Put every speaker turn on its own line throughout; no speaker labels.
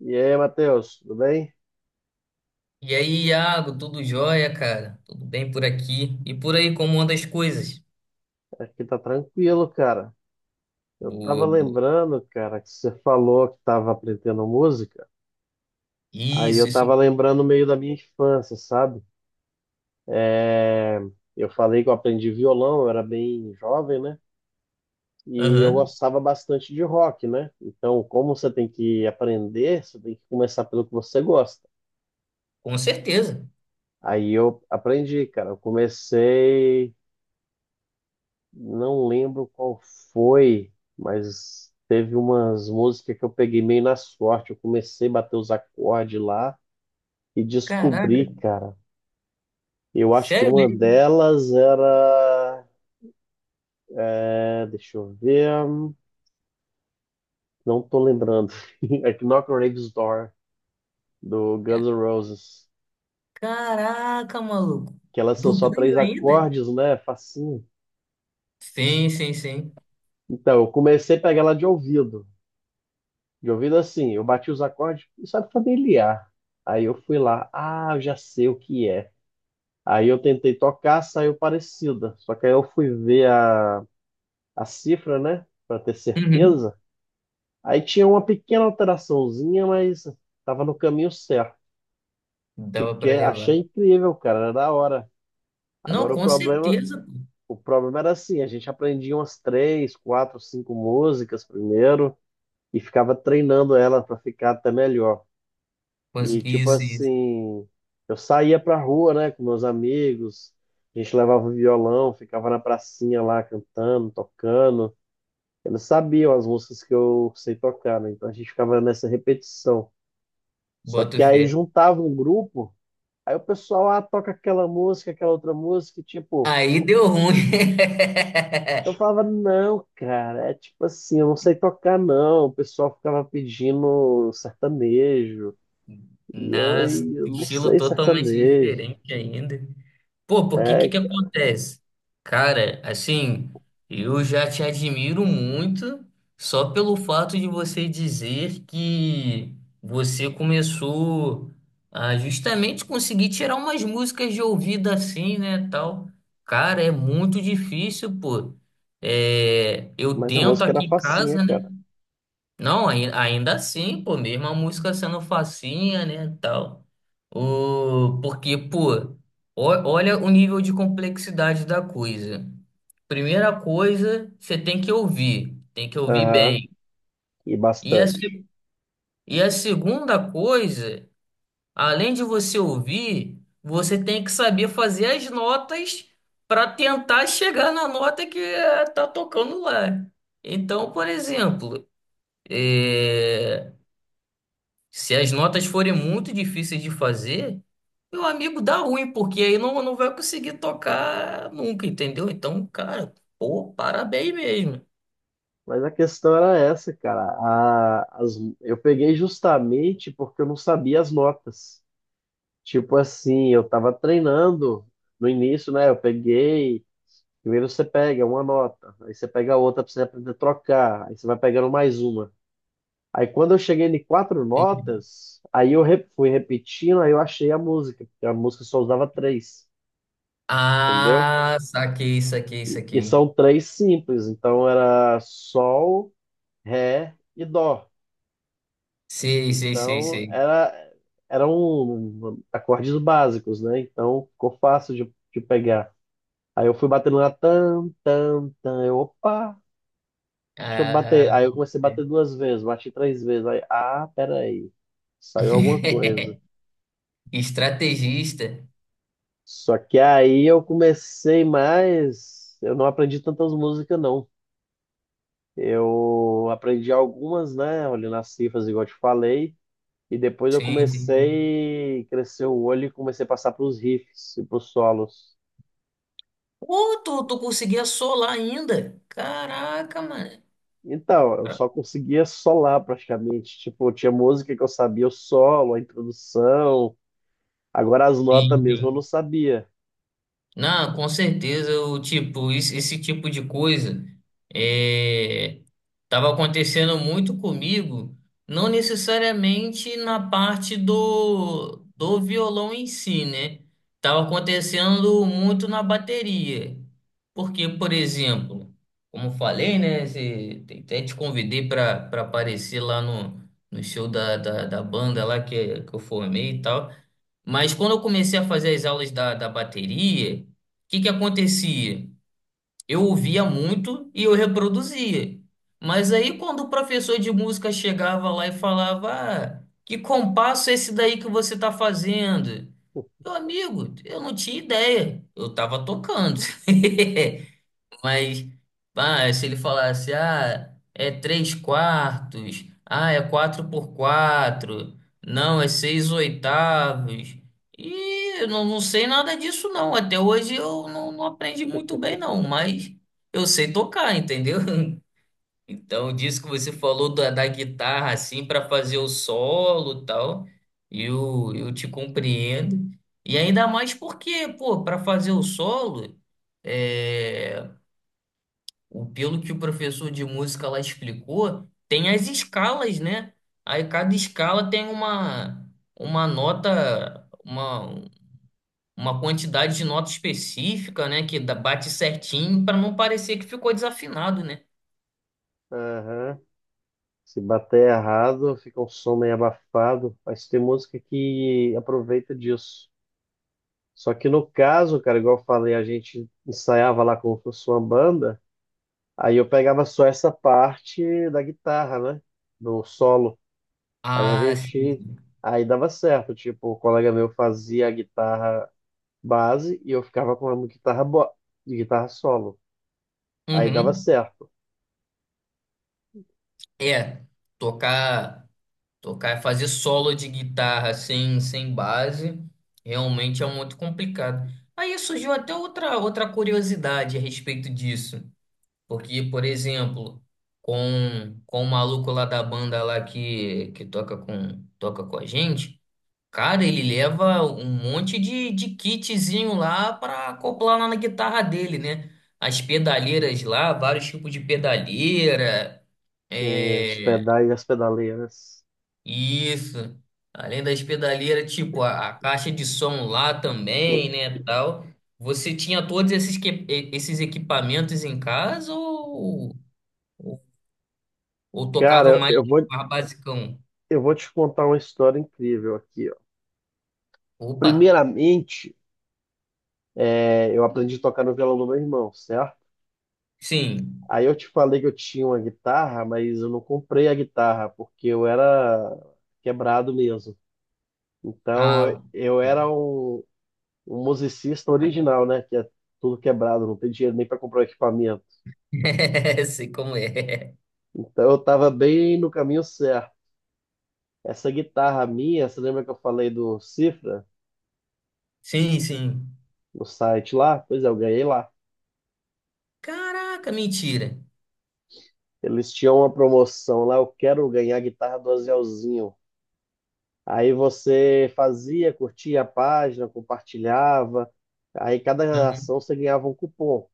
E aí, Matheus, tudo bem?
E aí, Iago, tudo jóia, cara? Tudo bem por aqui? E por aí, como anda as coisas?
Aqui tá tranquilo, cara. Eu tava
Boa, boa.
lembrando, cara, que você falou que tava aprendendo música. Aí
Isso,
eu
isso.
tava lembrando meio da minha infância, sabe? É, eu falei que eu aprendi violão, eu era bem jovem, né? E eu
Aham,
gostava bastante de rock, né? Então, como você tem que aprender, você tem que começar pelo que você gosta.
com certeza.
Aí eu aprendi, cara. Eu comecei Não lembro qual foi, mas teve umas músicas que eu peguei meio na sorte. Eu comecei a bater os acordes lá e
Caraca,
descobri, cara. Eu acho que
sério
uma
mesmo?
delas era. É, deixa eu ver. Não tô lembrando. É que Knock on Heaven's Door, do Guns N' Roses.
Caraca, maluco.
Que elas são
Do
só
Grêmio
três
ainda?
acordes, né? Facinho.
Sim, sim, sim.
Então, eu comecei a pegar ela de ouvido. De ouvido assim, eu bati os acordes e sabe familiar. Aí eu fui lá, ah, eu já sei o que é. Aí eu tentei tocar, saiu parecida. Só que aí eu fui ver a cifra, né, pra ter
Uhum.
certeza. Aí tinha uma pequena alteraçãozinha, mas tava no caminho certo.
Dava pra
Fiquei,
levar.
achei incrível, cara, era da hora.
Não,
Agora o
com
problema,
certeza.
o problema era assim, a gente aprendia umas três, quatro, cinco músicas primeiro e ficava treinando ela pra ficar até melhor.
Pô.
E tipo
Isso, isso.
assim, eu saía pra rua, né, com meus amigos, a gente levava o violão, ficava na pracinha lá cantando, tocando. Eles sabiam as músicas que eu sei tocar, né? Então a gente ficava nessa repetição. Só
Boto
que aí
fé.
juntava um grupo, aí o pessoal, ah, toca aquela música, aquela outra música, e, tipo,
Aí deu ruim.
eu falava, não, cara, é tipo assim, eu não sei tocar, não. O pessoal ficava pedindo sertanejo, e eu,
Nossa,
"Ei, eu não
estilo
sei
totalmente
sertanejo.
diferente ainda. Pô, porque que
É,
que acontece? Cara, assim, eu já te admiro muito só pelo fato de você dizer que você começou a justamente conseguir tirar umas músicas de ouvido assim, né, tal. Cara, é muito difícil, pô. É, eu
mas a
tento
música era
aqui em
facinha,
casa, né?
cara.
Não, ainda assim, pô, mesmo a música sendo facinha, né, tal. O, porque, pô, olha o nível de complexidade da coisa. Primeira coisa, você tem que ouvir
Aham,
bem.
e
E a,
bastante.
se- E a segunda coisa, além de você ouvir, você tem que saber fazer as notas para tentar chegar na nota que tá tocando lá. Então, por exemplo, é, se as notas forem muito difíceis de fazer, meu amigo, dá ruim, porque aí não vai conseguir tocar nunca, entendeu? Então, cara, pô, parabéns mesmo.
Mas a questão era essa, cara. Eu peguei justamente porque eu não sabia as notas. Tipo assim, eu tava treinando no início, né? Eu peguei. Primeiro você pega uma nota, aí você pega outra pra você aprender a trocar, aí você vai pegando mais uma. Aí quando eu cheguei em quatro notas, aí eu fui repetindo, aí eu achei a música, porque a música só usava três, entendeu?
Ah, saquei, saquei,
E
saquei.
são três simples, então era sol, ré e dó.
Sei, sei, sei,
Então
sei.
era, eram acordes básicos, né? Então ficou fácil de pegar. Aí eu fui batendo na tam, tam, tam, eu, opa, deixa eu
Ah,
bater. Aí eu comecei a bater duas vezes, bati três vezes. Aí, ah, peraí, saiu alguma coisa.
estrategista.
Só que aí eu comecei mais, eu não aprendi tantas músicas, não. Eu aprendi algumas, né? Olhando as cifras, igual eu te falei. E depois eu
Sim, sim, sim.
comecei a crescer o olho e comecei a passar para os riffs e para os solos.
Pô, tu conseguia solar ainda? Caraca, mano.
Então, eu só conseguia solar praticamente. Tipo, tinha música que eu sabia o solo, a introdução. Agora as notas
Sim,
mesmo eu não
sim.
sabia.
Não, com certeza, esse, esse tipo de coisa é, tava acontecendo muito comigo, não necessariamente na parte do violão em si, né? Tava acontecendo muito na bateria. Porque, por exemplo, como eu falei, né? Até te convidei para aparecer lá no show da banda lá que eu formei e tal. Mas quando eu comecei a fazer as aulas da bateria, o que acontecia? Eu ouvia muito e eu reproduzia. Mas aí quando o professor de música chegava lá e falava, ah, que compasso é esse daí que você está fazendo? Meu amigo, eu não tinha ideia. Eu estava tocando. Mas, ah, se ele falasse, ah, é três quartos, ah, é quatro por quatro, não, é seis oitavos. E eu não sei nada disso, não. Até hoje eu não aprendi muito bem, não, mas eu sei tocar, entendeu? Então, disso que você falou da guitarra, assim, para fazer o solo e tal, eu te compreendo. E ainda mais porque, pô, para fazer o solo. eh, Pelo que o professor de música lá explicou, tem as escalas, né? Aí cada escala tem uma nota, uma quantidade de nota específica, né? Que bate certinho para não parecer que ficou desafinado, né?
Aham. Se bater errado, fica um som meio abafado. Mas tem música que aproveita disso. Só que no caso, cara, igual eu falei, a gente ensaiava lá como se fosse uma banda. Aí eu pegava só essa parte da guitarra, né? Do solo. Aí a
Ah, sim.
gente.
Sim.
Aí dava certo. Tipo, o colega meu fazia a guitarra base e eu ficava com a guitarra solo. Aí dava
Uhum.
certo.
É, tocar, tocar, fazer solo de guitarra sem base realmente é muito complicado. Aí surgiu até outra, outra curiosidade a respeito disso. Porque, por exemplo, com o maluco lá da banda lá que toca com a gente, cara, ele leva um monte de kitzinho lá pra acoplar lá na guitarra dele, né? As pedaleiras lá, vários tipos de pedaleira,
Tem os
é,
pedais e as pedaleiras.
isso. Além das pedaleiras, tipo, a caixa de som lá também, né, tal. Você tinha todos esses, esses equipamentos em casa ou... Ou
Cara,
tocava mais,
eu eu vou,
mais basicão?
eu vou te contar uma história incrível aqui, ó.
Opa,
Primeiramente, é, eu aprendi a tocar no violão do meu irmão, certo?
sim.
Aí eu te falei que eu tinha uma guitarra, mas eu não comprei a guitarra porque eu era quebrado mesmo. Então eu
Ah,
eu era um musicista original, né? Que é tudo quebrado, não tem dinheiro nem para comprar o equipamento.
sei como é.
Então eu estava bem no caminho certo. Essa guitarra minha, você lembra que eu falei do Cifra,
Sim, sim.
no site lá? Pois é, eu ganhei lá.
Caraca, mentira.
Eles tinham uma promoção lá, eu quero ganhar a guitarra do Azelzinho. Aí você fazia, curtia a página, compartilhava. Aí cada
Uhum.
ação você ganhava um cupom.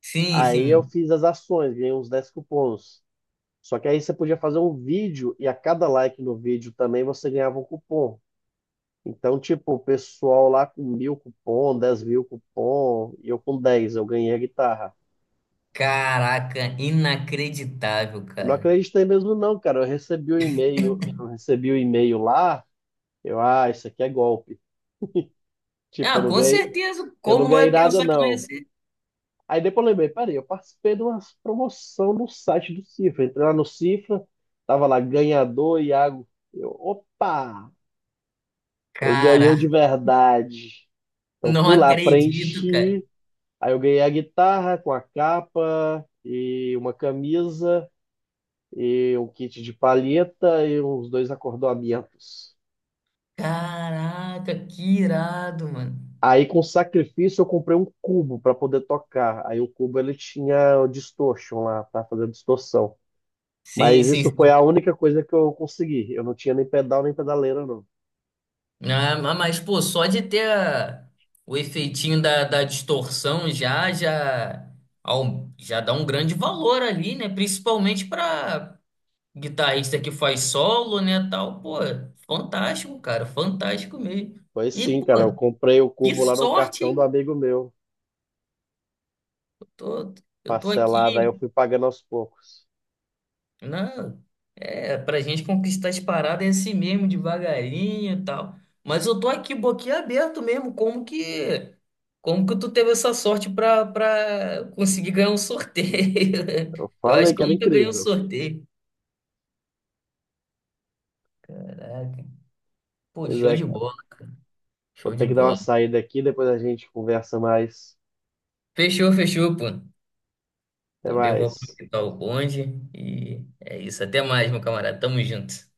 Sim,
Aí eu
sim.
fiz as ações, ganhei uns 10 cupons. Só que aí você podia fazer um vídeo e a cada like no vídeo também você ganhava um cupom. Então, tipo, o pessoal lá com 1.000 cupom, 10 mil cupom, e eu com 10 eu ganhei a guitarra.
Caraca, inacreditável,
Não
cara.
acreditei mesmo não, cara. Eu recebi o e-mail, eu recebi o e-mail lá, eu, ah, isso aqui é golpe. Tipo,
Ah, com certeza.
eu não
Como não
ganhei
ia
nada
pensar que não ia
não.
ser?
Aí depois eu lembrei, peraí, eu participei de uma promoção no site do Cifra. Entrei lá no Cifra, tava lá ganhador, Iago. Eu, opa, eu ganhei de
Caraca,
verdade. Então
não
fui lá,
acredito, cara.
preenchi. Aí eu ganhei a guitarra com a capa e uma camisa e um kit de palheta e uns dois acordoamentos.
Caraca, que irado, mano.
Aí com sacrifício eu comprei um cubo para poder tocar. Aí o cubo ele tinha o distortion lá, para fazer distorção.
Sim,
Mas
sim.
isso foi a única coisa que eu consegui. Eu não tinha nem pedal nem pedaleira, não.
Né? Ah, mas, pô, só de ter o efeitinho da distorção já, já, já dá um grande valor ali, né? Principalmente para guitarrista que faz solo, né, tal. Pô, fantástico, cara, fantástico mesmo.
Foi
E,
sim,
pô,
cara. Eu comprei o
que
cubo lá no
sorte,
cartão do
hein?
amigo meu,
Tô, eu tô
parcelado. Aí
aqui.
eu fui pagando aos poucos.
Não, é, pra gente conquistar as paradas é assim mesmo, devagarinho e tal. Mas eu tô aqui boquiaberto mesmo, como que tu teve essa sorte pra conseguir ganhar um sorteio?
Eu
Eu acho
falei
que
que
eu
era
nunca ganhei um
incrível.
sorteio. Caraca. Pô,
Pois
show
é,
de
cara.
bola,
Vou
show de
ter que dar uma
bola.
saída aqui, depois a gente conversa mais.
Fechou, fechou, pô.
Até
Também vou
mais.
aproveitar o bonde e é isso. Até mais, meu camarada. Tamo junto.